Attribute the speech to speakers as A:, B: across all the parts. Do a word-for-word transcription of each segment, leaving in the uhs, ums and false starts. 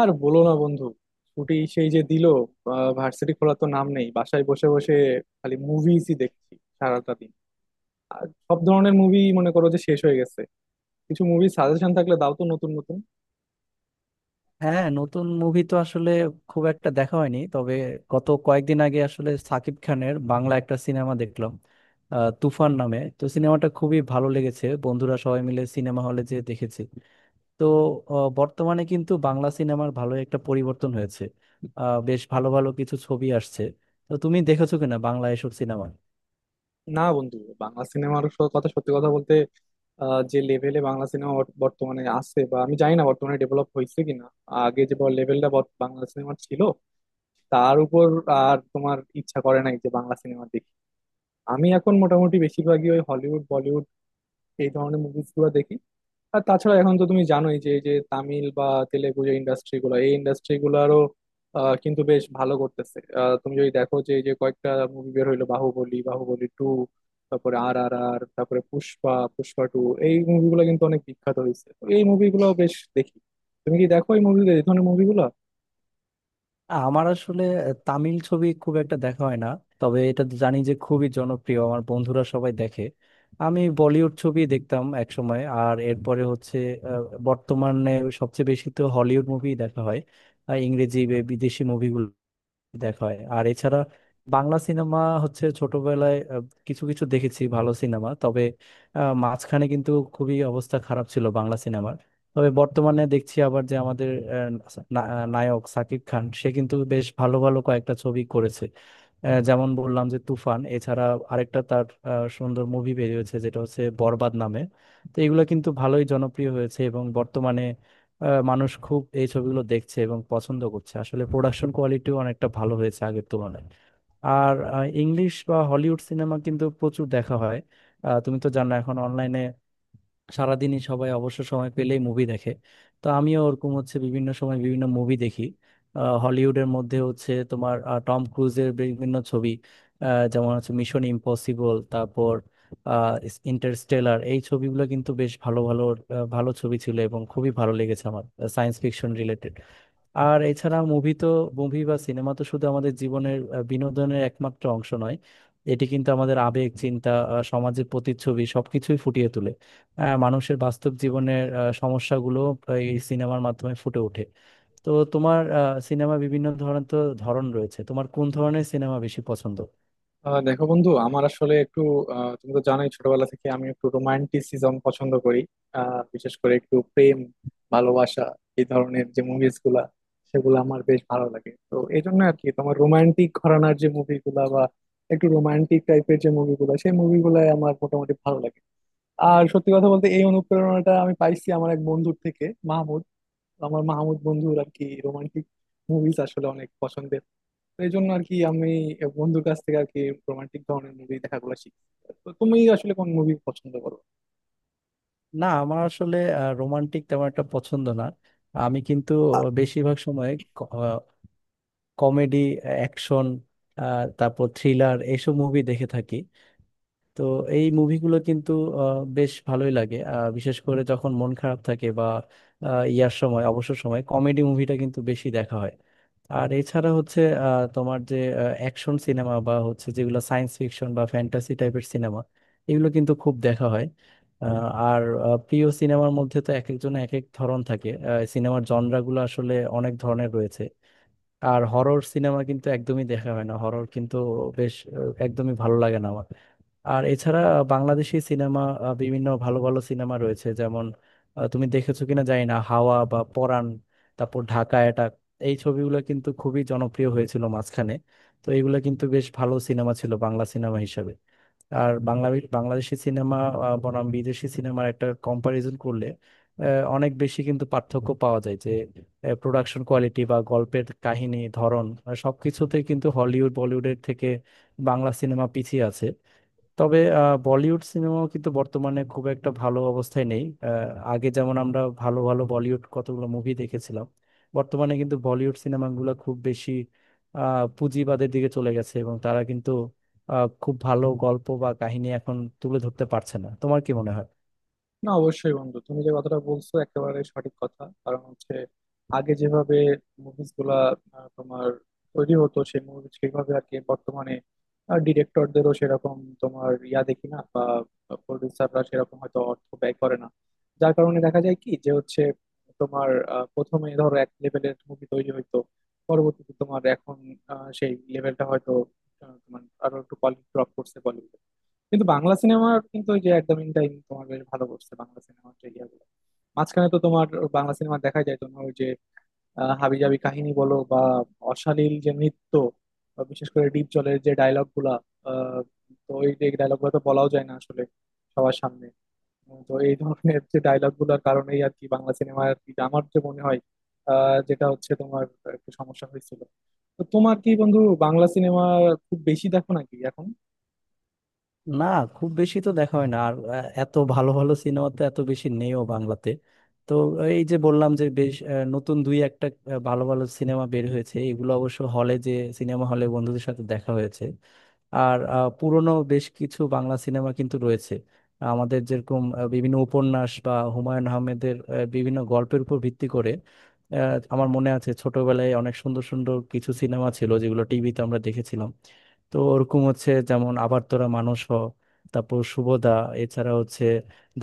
A: আর বলো না বন্ধু, ছুটি সেই যে দিল, ভার্সিটি খোলা তো নাম নেই। বাসায় বসে বসে খালি মুভিজই দেখছি সারাটা দিন। আর সব ধরনের মুভি মনে করো যে শেষ হয়ে গেছে। কিছু মুভি সাজেশন থাকলে দাও তো নতুন নতুন।
B: হ্যাঁ, নতুন মুভি তো আসলে খুব একটা দেখা হয়নি। তবে গত কয়েকদিন আগে আসলে সাকিব খানের বাংলা একটা সিনেমা দেখলাম। আহ, তুফান নামে তো সিনেমাটা খুবই ভালো লেগেছে, বন্ধুরা সবাই মিলে সিনেমা হলে যেয়ে দেখেছি। তো আহ, বর্তমানে কিন্তু বাংলা সিনেমার ভালো একটা পরিবর্তন হয়েছে। আহ, বেশ ভালো ভালো কিছু ছবি আসছে। তো তুমি দেখেছো কিনা বাংলা এসব সিনেমা?
A: না বন্ধু, বাংলা সিনেমার কথা, সত্যি কথা বলতে, আহ, যে লেভেলে বাংলা সিনেমা বর্তমানে আছে, বা আমি জানি না বর্তমানে ডেভেলপ হয়েছে কিনা, আগে যে লেভেলটা বাংলা সিনেমার ছিল তার উপর আর তোমার ইচ্ছা করে নাই যে বাংলা সিনেমা দেখি। আমি এখন মোটামুটি বেশিরভাগই ওই হলিউড এই ধরনের মুভিস গুলো দেখি। আর তাছাড়া এখন তো তুমি জানোই যে এই যে তামিল বা তেলেগু যে ইন্ডাস্ট্রি গুলো, এই ইন্ডাস্ট্রি গুলারও আহ, কিন্তু বেশ ভালো করতেছে। আহ, তুমি যদি দেখো যে এই যে কয়েকটা মুভি বের হইলো, বাহুবলী, বাহুবলী টু, তারপরে আর আর আর তারপরে পুষ্পা, পুষ্পা টু, এই মুভিগুলো কিন্তু অনেক বিখ্যাত হয়েছে। তো এই মুভিগুলো বেশ দেখি। তুমি কি দেখো এই মুভি, এই ধরনের মুভিগুলো?
B: আমার আসলে তামিল ছবি খুব একটা দেখা হয় না, তবে এটা তো জানি যে খুবই জনপ্রিয়, আমার বন্ধুরা সবাই দেখে। আমি বলিউড ছবি দেখতাম এক সময়, আর এরপরে হচ্ছে আহ, বর্তমানে সবচেয়ে বেশি তো হলিউড মুভি দেখা হয়, আর ইংরেজি বা বিদেশি মুভিগুলো দেখা হয়। আর এছাড়া বাংলা সিনেমা হচ্ছে ছোটবেলায় আহ, কিছু কিছু দেখেছি ভালো সিনেমা। তবে আহ, মাঝখানে কিন্তু খুবই অবস্থা খারাপ ছিল বাংলা সিনেমার। তবে বর্তমানে দেখছি আবার যে আমাদের আহ, না- আহ, নায়ক শাকিব খান সে কিন্তু বেশ ভালো ভালো কয়েকটা ছবি করেছে। আহ, যেমন বললাম যে তুফান, এছাড়া আরেকটা তার আহ, সুন্দর মুভি বেরিয়েছে যেটা হচ্ছে বরবাদ নামে। তো এগুলো কিন্তু ভালোই জনপ্রিয় হয়েছে এবং বর্তমানে আহ, মানুষ খুব এই ছবিগুলো দেখছে এবং পছন্দ করছে। আসলে প্রোডাকশন কোয়ালিটিও অনেকটা ভালো হয়েছে আগের তুলনায়। আর আহ, ইংলিশ বা হলিউড সিনেমা কিন্তু প্রচুর দেখা হয়। আহ, তুমি তো জানো এখন অনলাইনে সারাদিনই সবাই অবসর সময় পেলেই মুভি দেখে। তো আমিও ওরকম হচ্ছে বিভিন্ন সময় বিভিন্ন মুভি দেখি। আহ, হলিউডের মধ্যে হচ্ছে তোমার আহ, টম ক্রুজের বিভিন্ন ছবি, আহ, যেমন হচ্ছে মিশন ইম্পসিবল, তারপর ইন্টারস্টেলার। এই ছবিগুলো কিন্তু বেশ ভালো ভালো আহ, ভালো ছবি ছিল এবং খুবই ভালো লেগেছে আমার, সায়েন্স ফিকশন রিলেটেড। আর এছাড়া মুভি তো মুভি বা সিনেমা তো শুধু আমাদের জীবনের আহ, বিনোদনের একমাত্র অংশ নয়, এটি কিন্তু আমাদের আবেগ, চিন্তা, আহ, সমাজের প্রতিচ্ছবি সবকিছুই ফুটিয়ে তোলে। আহ, মানুষের বাস্তব জীবনের আহ, সমস্যাগুলো এই সিনেমার মাধ্যমে ফুটে ওঠে। তো তোমার সিনেমা বিভিন্ন ধরনের তো ধরন রয়েছে, তোমার কোন ধরনের সিনেমা বেশি পছন্দ?
A: আহ দেখো বন্ধু, আমার আসলে একটু, আহ, তুমি তো জানোই ছোটবেলা থেকে আমি একটু রোমান্টিসিজম পছন্দ করি। আহ, বিশেষ করে একটু প্রেম ভালোবাসা এই ধরনের যে মুভিজ গুলা, সেগুলো আমার বেশ ভালো লাগে। তো এই জন্য আর কি, তোমার রোমান্টিক ঘরানার যে মুভিগুলা বা একটু রোমান্টিক টাইপের যে মুভিগুলা, সেই মুভিগুলো আমার মোটামুটি ভালো লাগে। আর সত্যি কথা বলতে, এই অনুপ্রেরণাটা আমি পাইছি আমার এক বন্ধুর থেকে, মাহমুদ। আমার মাহমুদ বন্ধুর আর কি রোমান্টিক মুভিজ আসলে অনেক পছন্দের। এই জন্য আর কি আমি বন্ধুর কাছ থেকে আর কি রোমান্টিক ধরনের মুভি দেখাগুলো শিখি। তো তুমি আসলে কোন মুভি পছন্দ করো?
B: না, আমার আসলে রোমান্টিক তেমন একটা পছন্দ না। আমি কিন্তু বেশিরভাগ সময় কমেডি, অ্যাকশন, তারপর থ্রিলার এইসব মুভি দেখে থাকি। তো এই মুভিগুলো কিন্তু আহ, বেশ ভালোই লাগে। আহ, বিশেষ করে যখন মন খারাপ থাকে বা আহ, ইয়ার সময়, অবসর সময় কমেডি মুভিটা কিন্তু বেশি দেখা হয়। আর এছাড়া হচ্ছে আহ, তোমার যে অ্যাকশন সিনেমা বা হচ্ছে যেগুলো সায়েন্স ফিকশন বা ফ্যান্টাসি টাইপের সিনেমা, এগুলো কিন্তু খুব দেখা হয়। আহ, আর আহ, প্রিয় সিনেমার মধ্যে তো এক একজনের এক এক ধরন থাকে। সিনেমার জনরাগুলো আসলে অনেক ধরনের রয়েছে। আর হরর সিনেমা কিন্তু একদমই দেখা হয় না, হরর কিন্তু বেশ আহ, একদমই ভালো লাগে না আমার। আর এছাড়া বাংলাদেশি সিনেমা বিভিন্ন ভালো ভালো সিনেমা রয়েছে, যেমন আহ, তুমি দেখেছো কিনা জানি না হাওয়া বা পরাণ, তারপর ঢাকা অ্যাটাক। এই ছবিগুলো কিন্তু খুবই জনপ্রিয় হয়েছিল মাঝখানে। তো এইগুলো কিন্তু বেশ ভালো সিনেমা ছিল বাংলা সিনেমা হিসাবে। আর বাংলা বাংলাদেশি সিনেমা আহ, বনাম বিদেশি সিনেমার একটা কম্পারিজন করলে আহ, অনেক বেশি কিন্তু পার্থক্য পাওয়া যায় যে প্রোডাকশন কোয়ালিটি বা গল্পের কাহিনী ধরন, আহ, সবকিছুতে কিন্তু হলিউড, বলিউডের থেকে বাংলা সিনেমা পিছিয়ে আছে। তবে আহ, বলিউড সিনেমাও কিন্তু বর্তমানে খুব একটা ভালো অবস্থায় নেই। আহ, আগে যেমন আমরা ভালো ভালো বলিউড কতগুলো মুভি দেখেছিলাম, বর্তমানে কিন্তু বলিউড সিনেমাগুলো খুব বেশি আহ, পুঁজিবাদের দিকে চলে গেছে এবং তারা কিন্তু আহ, খুব ভালো গল্প বা কাহিনী এখন তুলে ধরতে পারছে না। তোমার কি মনে হয়?
A: না, অবশ্যই বন্ধু, তুমি যে কথাটা বলছো একেবারে সঠিক কথা। কারণ হচ্ছে, আগে যেভাবে মুভিজ গুলা আহ, তোমার তৈরি হতো সেই মুভি সেইভাবে আর কি বর্তমানে ডিরেক্টরদেরও সেরকম তোমার ইয়া দেখি না, বা প্রডিউসাররা সেরকম হয়তো অর্থ ব্যয় করে না। যার কারণে দেখা যায় কি, যে হচ্ছে তোমার আহ, প্রথমে ধরো এক লেভেলের মুভি তৈরি হইতো, পরবর্তীতে তোমার এখন আহ, সেই লেভেলটা হয়তো আহ, তোমার আরো একটু কোয়ালিটি ড্রপ করছে বলিউড। কিন্তু বাংলা সিনেমার কিন্তু ওই যে একদম ইন টাইম তোমার বেশ ভালো করছে, বাংলা সিনেমার যে ইয়াগুলো। মাঝখানে তো তোমার বাংলা সিনেমা দেখা যায় তোমার ওই যে আহ, হাবিজাবি কাহিনী বলো, বা অশালীল যে নৃত্য, বা বিশেষ করে ডিপ জলের যে ডায়লগ গুলা, আহ, তো এই যে ডায়লগ গুলো তো বলাও যায় না আসলে সবার সামনে। উম, তো এই ধরনের যে ডায়লগ গুলোর কারণেই আর কি বাংলা সিনেমা আর কি আমার যে মনে হয় আহ, যেটা হচ্ছে তোমার একটু সমস্যা হয়েছিল। তো তোমার কি বন্ধু বাংলা সিনেমা খুব বেশি দেখো নাকি এখন?
B: না, খুব বেশি তো দেখা হয় না। আর আহ, এত ভালো ভালো সিনেমা তো এত বেশি নেইও বাংলাতে। তো এই যে বললাম যে বেশ আহ, নতুন দুই একটা আহ, ভালো ভালো সিনেমা বের হয়েছে, এগুলো অবশ্য হলে যে সিনেমা হলে বন্ধুদের সাথে দেখা হয়েছে। আর আহ, পুরনো বেশ কিছু বাংলা সিনেমা কিন্তু রয়েছে আমাদের, যেরকম আহ, বিভিন্ন উপন্যাস বা হুমায়ুন আহমেদের আহ, বিভিন্ন গল্পের উপর ভিত্তি করে আহ, আমার মনে আছে ছোটবেলায় অনেক সুন্দর সুন্দর কিছু সিনেমা ছিল যেগুলো টিভিতে আমরা দেখেছিলাম। তো ওরকম হচ্ছে যেমন আবারতোরা মানুষ হ, তারপর শুভদা, এছাড়া হচ্ছে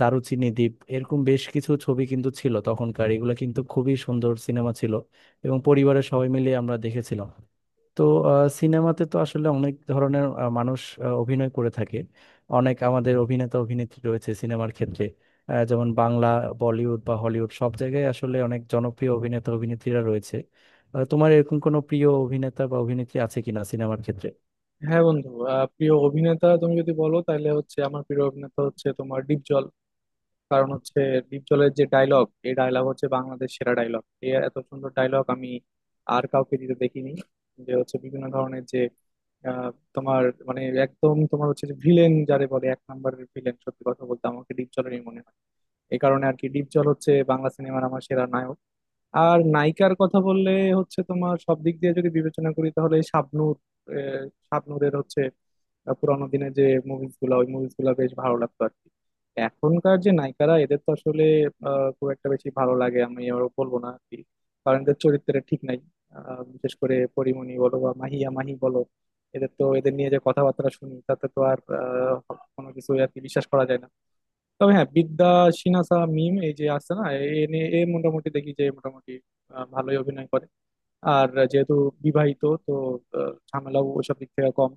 B: দারুচিনি দ্বীপ, এরকম বেশ কিছু ছবি কিন্তু ছিল তখনকার। এগুলো কিন্তু খুবই সুন্দর সিনেমা ছিল এবং পরিবারের সবাই মিলে আমরা দেখেছিলাম। তো সিনেমাতে তো আসলে অনেক ধরনের আহ, মানুষ আহ, অভিনয় করে থাকে। অনেক আমাদের অভিনেতা অভিনেত্রী রয়েছে সিনেমার ক্ষেত্রে। আহ, যেমন বাংলা, বলিউড বা হলিউড সব জায়গায় আসলে অনেক জনপ্রিয় অভিনেতা অভিনেত্রীরা রয়েছে। আহ, তোমার এরকম কোনো প্রিয় অভিনেতা বা অভিনেত্রী আছে কিনা সিনেমার ক্ষেত্রে?
A: হ্যাঁ বন্ধু, আহ, প্রিয় অভিনেতা তুমি যদি বলো তাহলে হচ্ছে আমার প্রিয় অভিনেতা হচ্ছে তোমার ডিপজল। কারণ হচ্ছে ডিপজলের যে ডায়লগ, এই ডায়লগ হচ্ছে বাংলাদেশ সেরা ডায়লগ। এত সুন্দর ডায়লগ আমি আর কাউকে দিতে দেখিনি। যে হচ্ছে বিভিন্ন ধরনের যে আহ, তোমার মানে একদম তোমার হচ্ছে যে ভিলেন, যারে বলে এক নম্বরের ভিলেন, সত্যি কথা বলতে আমাকে ডিপজলেরই মনে হয়। এই কারণে আর কি ডিপজল হচ্ছে বাংলা সিনেমার আমার সেরা নায়ক। আর নায়িকার কথা বললে হচ্ছে তোমার সব দিক দিয়ে যদি বিবেচনা করি তাহলে শাবনূর। আহ, শাবনূরের হচ্ছে আহ, পুরানো দিনে যে মুভিজ গুলা, ওই মুভিজ গুলা বেশ ভালো লাগতো আর কি। এখনকার যে নায়িকারা এদের তো আসলে আহ, খুব একটা বেশি ভালো লাগে আমি আবার বলবো না আর কি। কারণ এদের চরিত্রের ঠিক নাই। আহ, বিশেষ করে পরিমণি বলো বা মাহিয়া মাহি বলো, এদের তো, এদের নিয়ে যে কথাবার্তা শুনি তাতে তো আর আহ, কোনো কিছু আর কি বিশ্বাস করা যায় না। তবে হ্যাঁ, বিদ্যা সিনহা মিম এই যে আছে না, এ নিয়ে- এ মোটামুটি দেখি যে মোটামুটি আহ, ভালোই অভিনয় করে। আর যেহেতু বিবাহিত তো আহ, ঝামেলাও ওইসব দিক থেকে কম।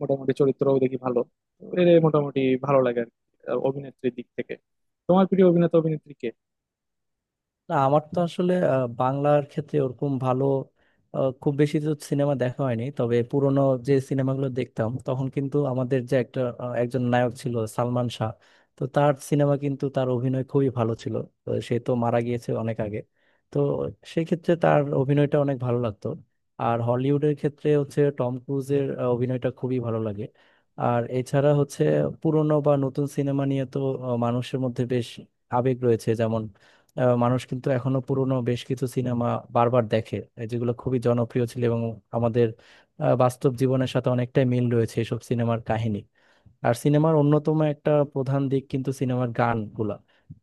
A: মোটামুটি চরিত্রও দেখি ভালো। তো এর মোটামুটি ভালো লাগে আর কি, আহ, অভিনেত্রীর দিক থেকে। তোমার প্রিয় অভিনেতা অভিনেত্রী কে?
B: না, আমার তো আসলে আহ, বাংলার ক্ষেত্রে ওরকম ভালো আহ, খুব বেশি তো সিনেমা দেখা হয়নি। তবে পুরোনো যে সিনেমাগুলো দেখতাম তখন কিন্তু আমাদের যে একটা আহ, একজন নায়ক ছিল সালমান শাহ। তো তার সিনেমা কিন্তু, তার অভিনয় খুবই ভালো ছিল। তো সে তো মারা গিয়েছে অনেক আগে। তো সেক্ষেত্রে তার অভিনয়টা অনেক ভালো লাগতো। আর হলিউডের ক্ষেত্রে হচ্ছে টম ক্রুজের আহ, অভিনয়টা খুবই ভালো লাগে। আর এছাড়া হচ্ছে পুরনো বা নতুন সিনেমা নিয়ে তো আহ, মানুষের মধ্যে বেশ আবেগ রয়েছে। যেমন আহ, মানুষ কিন্তু এখনো পুরনো বেশ কিছু সিনেমা বারবার দেখে, এই যেগুলো খুবই জনপ্রিয় ছিল এবং আমাদের আহ, বাস্তব জীবনের সাথে অনেকটাই মিল রয়েছে এসব সিনেমার কাহিনী। আর সিনেমার অন্যতম একটা প্রধান দিক কিন্তু সিনেমার গানগুলা।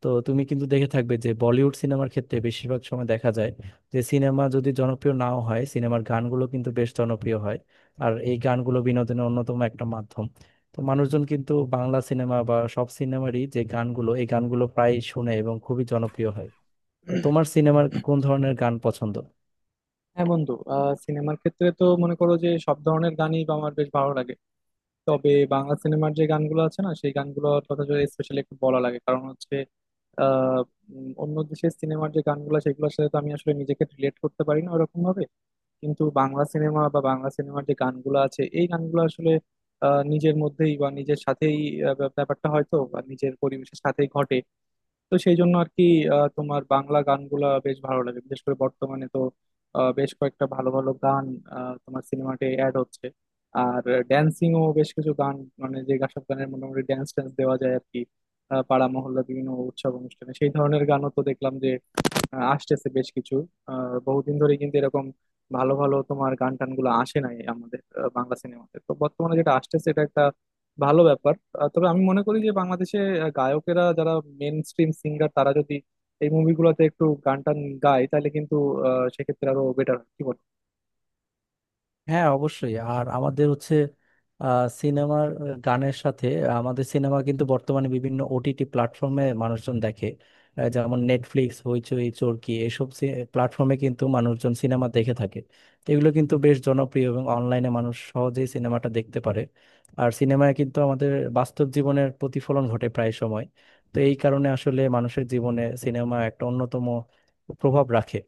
B: তো তুমি কিন্তু দেখে থাকবে যে বলিউড সিনেমার ক্ষেত্রে বেশিরভাগ সময় দেখা যায় যে সিনেমা যদি জনপ্রিয় নাও হয়, সিনেমার গানগুলো কিন্তু বেশ জনপ্রিয় হয়। আর এই গানগুলো বিনোদনের অন্যতম একটা মাধ্যম। তো মানুষজন কিন্তু বাংলা সিনেমা বা সব সিনেমারই যে গানগুলো, এই গানগুলো প্রায় শুনে এবং খুবই জনপ্রিয় হয়। তো তোমার সিনেমার কোন ধরনের গান পছন্দ?
A: হ্যাঁ বন্ধু, আহ, সিনেমার ক্ষেত্রে তো মনে করো যে সব ধরনের গানই আমার বেশ ভালো লাগে। তবে বাংলা সিনেমার যে গানগুলো আছে না, সেই গানগুলোর কথা যদি স্পেশালি একটু বলা লাগে। কারণ হচ্ছে আহ, উম, অন্য দেশের সিনেমার যে গানগুলো, সেগুলোর সাথে তো আমি আসলে নিজেকে রিলেট করতে পারি না ওরকম ভাবে। কিন্তু বাংলা সিনেমা বা বাংলা সিনেমার যে গানগুলো আছে, এই গানগুলো আসলে আহ, নিজের মধ্যেই বা নিজের সাথেই আহ, ব্যাপারটা হয়তো বা নিজের পরিবেশের সাথেই ঘটে। তো সেই জন্য আর কি আহ, তোমার বাংলা গানগুলা বেশ ভালো লাগে। বিশেষ করে বর্তমানে তো আহ, বেশ কয়েকটা ভালো ভালো গান আহ, তোমার সিনেমাতে অ্যাড হচ্ছে। আর ড্যান্সিংও বেশ কিছু গান, মানে যে সব গানের মোটামুটি ড্যান্স ট্যান্স দেওয়া যায় আর কি। আহ, পাড়া মহল্লা বিভিন্ন উৎসব অনুষ্ঠানে সেই ধরনের গানও তো দেখলাম যে আহ, আসতেছে বেশ কিছু। আহ, বহুদিন ধরে কিন্তু এরকম ভালো ভালো তোমার গান টান গুলো আসে নাই আমাদের। আহ, বাংলা সিনেমাতে তো বর্তমানে যেটা আসতেছে, এটা একটা ভালো ব্যাপার। আহ, তবে আমি মনে করি যে বাংলাদেশে আহ, গায়কেরা যারা মেন স্ট্রিম সিঙ্গার, তারা যদি এই মুভিগুলোতে একটু গান টান গায় তাহলে কিন্তু আহ, সেক্ষেত্রে আরো বেটার। কি বল?
B: হ্যাঁ, অবশ্যই। আর আমাদের হচ্ছে আহ, সিনেমার আহ, গানের সাথে আমাদের সিনেমা কিন্তু বর্তমানে বিভিন্ন ওটিটি প্ল্যাটফর্মে মানুষজন দেখে। আহ, যেমন নেটফ্লিক্স, হইচই, চরকি এসব প্ল্যাটফর্মে কিন্তু মানুষজন সিনেমা দেখে থাকে। তো এগুলো কিন্তু বেশ জনপ্রিয় এবং অনলাইনে মানুষ সহজেই সিনেমাটা দেখতে পারে। আর সিনেমায় কিন্তু আমাদের বাস্তব জীবনের প্রতিফলন ঘটে প্রায় সময়। তো এই কারণে আসলে মানুষের জীবনে সিনেমা একটা অন্যতম প্রভাব রাখে।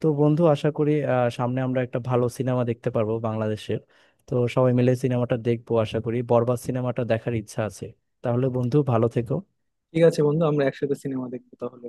B: তো বন্ধু, আশা করি আহ, সামনে আমরা একটা ভালো সিনেমা দেখতে পারবো বাংলাদেশের। তো সবাই মিলে সিনেমাটা দেখবো, আশা করি বরবাদ সিনেমাটা দেখার ইচ্ছা আছে। তাহলে বন্ধু, ভালো থেকো।
A: ঠিক আছে বন্ধু, আমরা একসাথে সিনেমা দেখবো তাহলে।